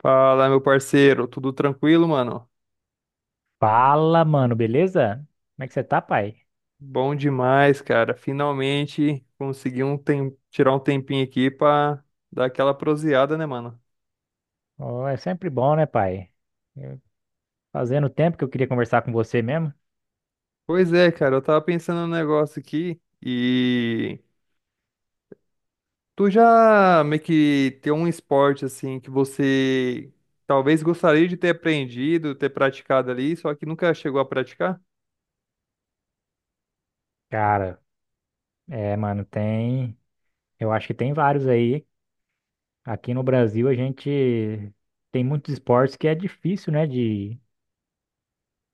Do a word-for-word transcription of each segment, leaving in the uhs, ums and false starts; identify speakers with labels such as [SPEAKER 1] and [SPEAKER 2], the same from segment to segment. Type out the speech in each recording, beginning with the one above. [SPEAKER 1] Fala, meu parceiro, tudo tranquilo, mano?
[SPEAKER 2] Fala, mano, beleza? Como é que você tá, pai?
[SPEAKER 1] Bom demais, cara. Finalmente consegui um tem... tirar um tempinho aqui pra dar aquela proseada, né, mano?
[SPEAKER 2] Ó, é sempre bom, né, pai? Eu- Fazendo tempo que eu queria conversar com você mesmo.
[SPEAKER 1] Pois é, cara, eu tava pensando num negócio aqui e tu já meio que tem um esporte assim que você talvez gostaria de ter aprendido, ter praticado ali, só que nunca chegou a praticar?
[SPEAKER 2] Cara, é, mano, tem. Eu acho que tem vários aí. Aqui no Brasil a gente tem muitos esportes que é difícil, né, de,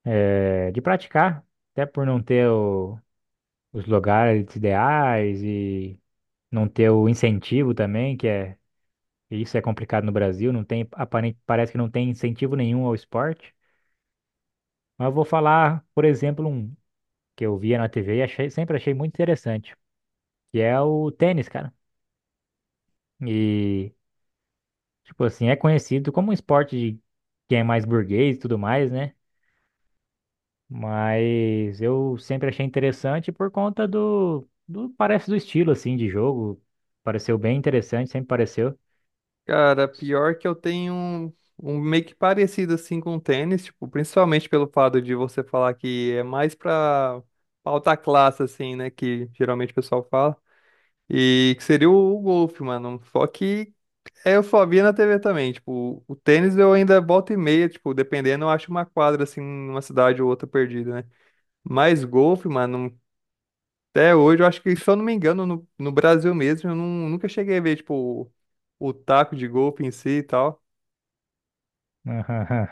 [SPEAKER 2] é, de praticar. Até por não ter o- os lugares ideais e não ter o incentivo também, que é. Isso é complicado no Brasil, não tem, aparente, parece que não tem incentivo nenhum ao esporte. Mas eu vou falar, por exemplo, um que eu via na T V e achei, sempre achei muito interessante, que é o tênis, cara. E, tipo assim, é conhecido como um esporte de quem é mais burguês e tudo mais, né? Mas eu sempre achei interessante por conta do, do, parece do estilo, assim, de jogo. Pareceu bem interessante, sempre pareceu.
[SPEAKER 1] Cara, pior que eu tenho um, um meio que parecido assim com o tênis, tipo, principalmente pelo fato de você falar que é mais pra alta classe, assim, né? Que geralmente o pessoal fala. E que seria o, o golfe, mano. Só que é, eu só via na T V também. Tipo, o tênis eu ainda volta e meia, tipo, dependendo, eu acho uma quadra assim, numa cidade ou outra perdida, né? Mas golfe, mano, até hoje, eu acho que, se eu não me engano, no, no Brasil mesmo, eu não, nunca cheguei a ver, tipo, o, o taco de golfe em si e tal.
[SPEAKER 2] Aham.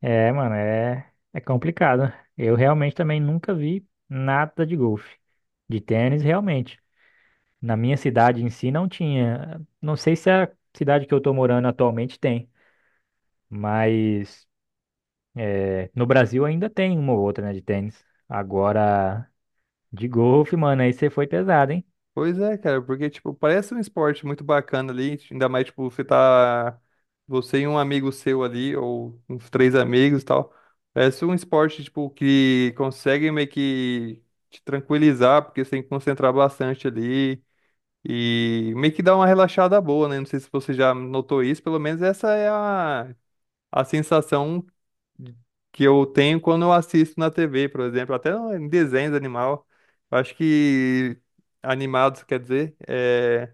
[SPEAKER 2] É, mano, é, é complicado. Eu realmente também nunca vi nada de golfe. De tênis, realmente. Na minha cidade em si não tinha. Não sei se a cidade que eu tô morando atualmente tem, mas é, no Brasil ainda tem uma ou outra, né, de tênis. Agora, de golfe, mano, aí você foi pesado, hein?
[SPEAKER 1] Pois é, cara, porque, tipo, parece um esporte muito bacana ali, ainda mais, tipo, você tá, você e um amigo seu ali, ou uns três amigos e tal, parece um esporte, tipo, que consegue meio que te tranquilizar, porque você tem que concentrar bastante ali, e meio que dá uma relaxada boa, né? Não sei se você já notou isso, pelo menos essa é a, a sensação que eu tenho quando eu assisto na T V, por exemplo, até em desenhos animal. Eu acho que animados, quer dizer, é,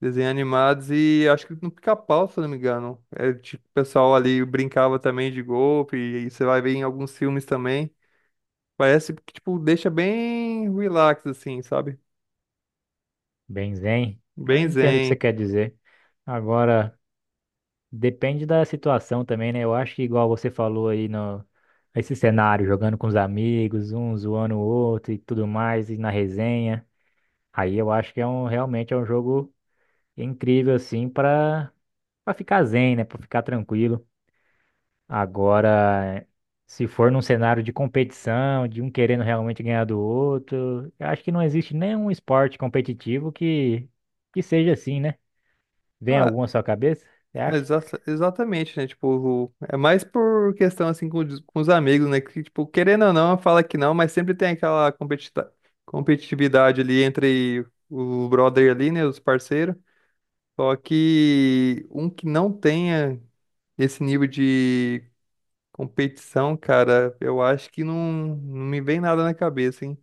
[SPEAKER 1] desenhos animados e acho que no Pica-Pau, se eu não me engano. É, tipo, o pessoal ali brincava também de golpe, e você vai ver em alguns filmes também. Parece que, tipo, deixa bem relax, assim, sabe?
[SPEAKER 2] Bem zen. Eu
[SPEAKER 1] Bem
[SPEAKER 2] entendo o que você
[SPEAKER 1] zen.
[SPEAKER 2] quer dizer. Agora, depende da situação também, né? Eu acho que igual você falou aí no esse cenário, jogando com os amigos, um zoando o outro e tudo mais, e na resenha. Aí eu acho que é um realmente é um jogo incrível assim para pra ficar zen, né? Pra ficar tranquilo. Agora, se for num cenário de competição, de um querendo realmente ganhar do outro, eu acho que não existe nenhum esporte competitivo que, que seja assim, né? Vem
[SPEAKER 1] Ah,
[SPEAKER 2] algum à sua cabeça? Você
[SPEAKER 1] é,
[SPEAKER 2] acha?
[SPEAKER 1] exa- exatamente, né? Tipo, é mais por questão assim com, os- com os amigos, né? Que, tipo, querendo ou não, fala que não, mas sempre tem aquela competita- competitividade ali entre o brother ali, né? Os parceiros. Só que um que não tenha esse nível de competição, cara, eu acho que não, não me vem nada na cabeça, hein?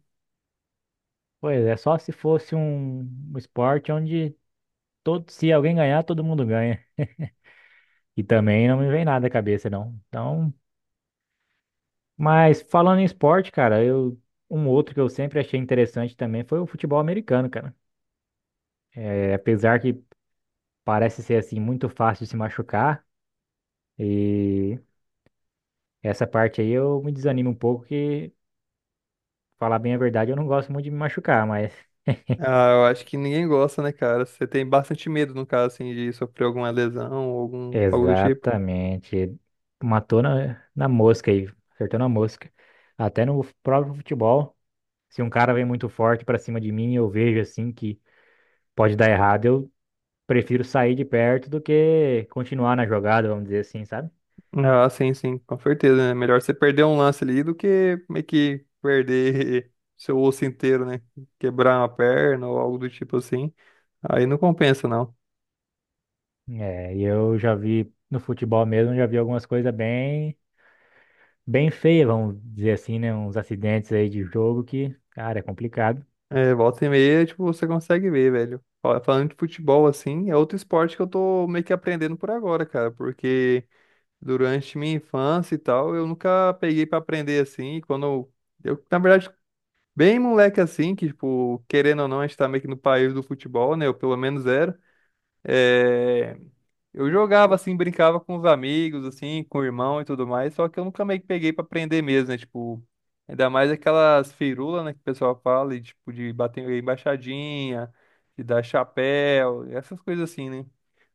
[SPEAKER 2] Pois é, só se fosse um, um esporte onde todo, se alguém ganhar, todo mundo ganha. E também não me vem nada à cabeça, não. Então, mas falando em esporte, cara, eu, um outro que eu sempre achei interessante também foi o futebol americano, cara. É, apesar que parece ser assim muito fácil de se machucar e essa parte aí eu me desanimo um pouco que falar bem a verdade eu não gosto muito de me machucar, mas
[SPEAKER 1] Ah, eu acho que ninguém gosta, né, cara? Você tem bastante medo, no caso, assim, de sofrer alguma lesão ou algum, algo do tipo.
[SPEAKER 2] exatamente matou na, na mosca aí, acertou na mosca. Até no próprio futebol, se um cara vem muito forte pra cima de mim, eu vejo assim que pode dar errado, eu prefiro sair de perto do que continuar na jogada, vamos dizer assim, sabe?
[SPEAKER 1] Ah, sim, sim, com certeza, né? Melhor você perder um lance ali do que meio que perder seu osso inteiro, né? Quebrar uma perna ou algo do tipo assim. Aí não compensa, não.
[SPEAKER 2] É, e eu já vi no futebol mesmo, já vi algumas coisas bem bem feia, vamos dizer assim, né? Uns acidentes aí de jogo que, cara, é complicado.
[SPEAKER 1] É, volta e meia, tipo, você consegue ver, velho. Ó, falando de futebol, assim, é outro esporte que eu tô meio que aprendendo por agora, cara, porque durante minha infância e tal, eu nunca peguei pra aprender assim. E quando eu, eu, na verdade, bem moleque assim, que, tipo, querendo ou não, a gente tá meio que no país do futebol, né? Eu pelo menos era. É, eu jogava assim, brincava com os amigos, assim, com o irmão e tudo mais, só que eu nunca meio que peguei pra aprender mesmo, né? Tipo, ainda mais aquelas firulas, né, que o pessoal fala, e, tipo, de bater embaixadinha, de dar chapéu, essas coisas assim, né?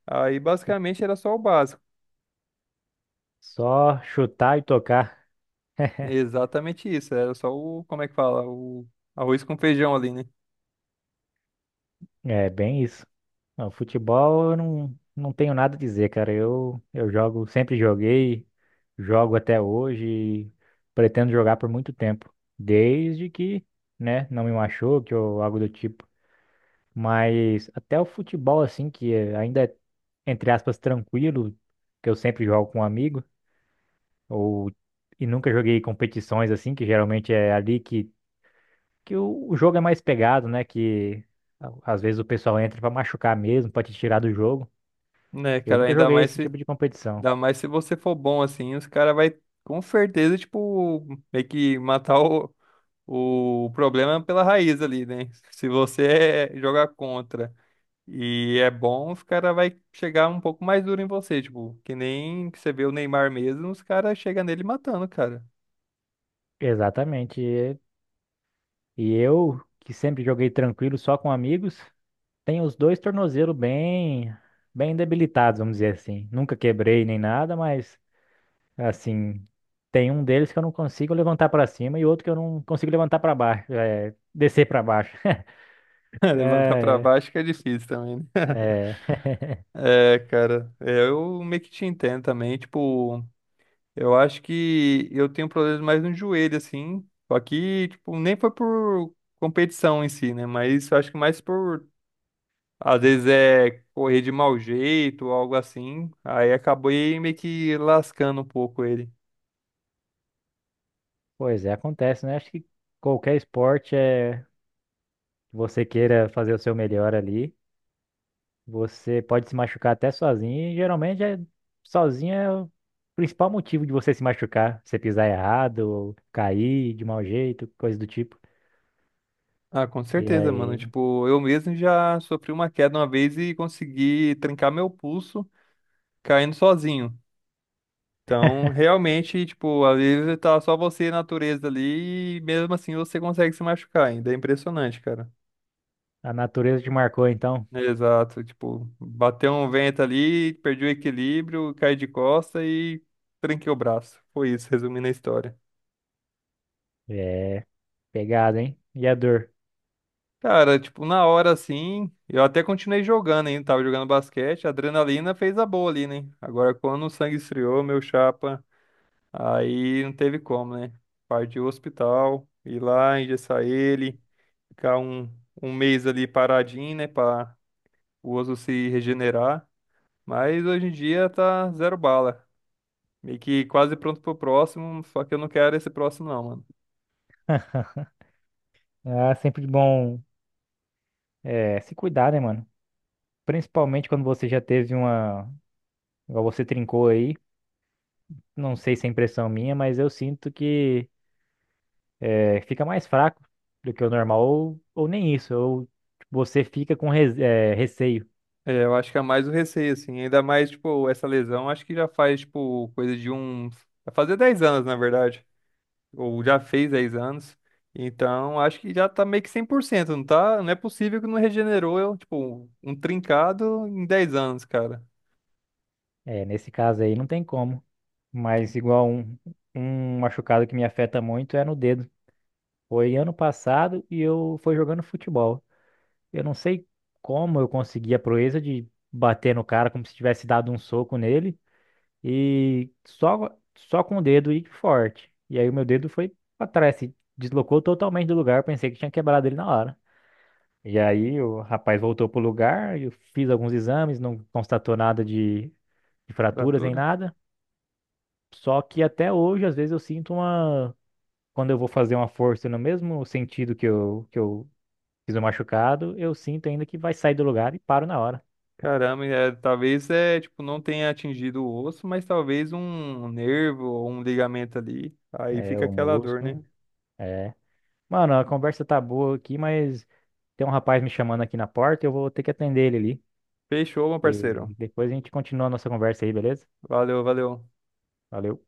[SPEAKER 1] Aí basicamente era só o básico.
[SPEAKER 2] Só chutar e tocar.
[SPEAKER 1] Exatamente isso, era só o, como é que fala? O arroz com feijão ali, né?
[SPEAKER 2] É bem isso. Não, futebol eu não, não tenho nada a dizer, cara. Eu, eu jogo, sempre joguei, jogo até hoje e pretendo jogar por muito tempo. Desde que, né, não me machuque ou algo do tipo. Mas até o futebol, assim, que é- ainda é, entre aspas, tranquilo, que eu sempre jogo com um amigo. Ou E nunca joguei competições assim, que geralmente é ali que, que o, o jogo é mais pegado, né? Que a- às vezes o pessoal entra pra machucar mesmo, pra te tirar do jogo.
[SPEAKER 1] Né,
[SPEAKER 2] Eu
[SPEAKER 1] cara,
[SPEAKER 2] nunca
[SPEAKER 1] ainda
[SPEAKER 2] joguei
[SPEAKER 1] mais
[SPEAKER 2] esse
[SPEAKER 1] se,
[SPEAKER 2] tipo de competição.
[SPEAKER 1] ainda mais se você for bom assim, os caras vai com certeza, tipo, meio que matar o, o problema é pela raiz ali, né? Se você é- jogar contra e é bom, os caras vai chegar um pouco mais duro em você, tipo, que nem que você vê o Neymar mesmo, os caras chegam nele matando, cara.
[SPEAKER 2] Exatamente. E e eu, que sempre joguei tranquilo, só com amigos, tenho os dois tornozelos bem, bem debilitados, vamos dizer assim. Nunca quebrei nem nada, mas assim, tem um deles que eu não consigo levantar pra cima e outro que eu não consigo levantar pra baixo, é, descer pra baixo.
[SPEAKER 1] Levantar pra baixo que é difícil também, né? É, cara, é, eu meio que te entendo também, tipo, eu acho que eu tenho problemas mais no joelho, assim, só que, tipo, nem foi por competição em si, né? Mas eu acho que mais por às vezes é correr de mau jeito ou algo assim. Aí acabei meio que lascando um pouco ele.
[SPEAKER 2] Pois é, acontece, né? Acho que qualquer esporte é que você queira fazer o seu melhor ali. Você pode se machucar até sozinho, e geralmente é sozinho é o principal motivo de você se machucar. Você pisar errado, ou cair de mau jeito, coisa do tipo.
[SPEAKER 1] Ah, com
[SPEAKER 2] E
[SPEAKER 1] certeza, mano.
[SPEAKER 2] aí,
[SPEAKER 1] Tipo, eu mesmo já sofri uma queda uma vez e consegui trincar meu pulso caindo sozinho. Então, realmente, tipo, às vezes tá só você e a natureza ali e mesmo assim você consegue se machucar ainda. É impressionante, cara.
[SPEAKER 2] a natureza te marcou, então.
[SPEAKER 1] Exato. Tipo, bateu um vento ali, perdi o equilíbrio, caí de costa e trinquei o braço. Foi isso, resumindo a história.
[SPEAKER 2] É pegada, hein? E a dor?
[SPEAKER 1] Cara, tipo, na hora assim, eu até continuei jogando ainda, tava jogando basquete, a adrenalina fez a boa ali, né? Agora, quando o sangue esfriou, meu chapa, aí não teve como, né? Partiu o hospital, ir lá, engessar ele, ficar um, um mês ali paradinho, né, pra o osso se regenerar. Mas hoje em dia tá zero bala, meio que quase pronto pro próximo, só que eu não quero esse próximo não.
[SPEAKER 2] É sempre bom é, se cuidar, né, mano? Principalmente quando você já teve uma. Igual você trincou aí. Não sei se é impressão minha, mas eu sinto que. É, fica mais fraco do que o normal, ou, ou nem isso, ou você fica com res- é, receio.
[SPEAKER 1] É, eu acho que é mais o receio, assim. Ainda mais, tipo, essa lesão, acho que já faz, tipo, coisa de uns. Vai fazer dez anos, na verdade. Ou já fez dez anos. Então, acho que já tá meio que cem por cento, não tá? Não é possível que não regenerou, eu, tipo, um trincado em dez anos, cara.
[SPEAKER 2] É, nesse caso aí não tem como. Mas igual um, um machucado que me afeta muito é no dedo. Foi ano passado e eu fui jogando futebol. Eu não sei como eu consegui a proeza de bater no cara como se tivesse dado um soco nele e só, só com o dedo e forte. E aí o meu dedo foi pra trás, se deslocou totalmente do lugar. Eu pensei que tinha quebrado ele na hora. E aí o rapaz voltou pro lugar, eu fiz alguns exames, não constatou nada de, de fraturas nem
[SPEAKER 1] Fratura?
[SPEAKER 2] nada. Só que até hoje, às vezes, eu sinto uma. Quando eu vou fazer uma força no mesmo sentido que eu, que eu fiz o machucado, eu sinto ainda que vai sair do lugar e paro na hora.
[SPEAKER 1] Caramba, é, talvez, é, tipo, não tenha atingido o osso, mas talvez um nervo ou um ligamento ali. Aí
[SPEAKER 2] É,
[SPEAKER 1] fica
[SPEAKER 2] o
[SPEAKER 1] aquela dor, né?
[SPEAKER 2] músculo. É. Mano, a conversa tá boa aqui, mas tem um rapaz me chamando aqui na porta, eu vou ter que atender ele ali.
[SPEAKER 1] Fechou, meu parceiro.
[SPEAKER 2] E depois a gente continua a nossa conversa aí, beleza?
[SPEAKER 1] Valeu, valeu.
[SPEAKER 2] Valeu.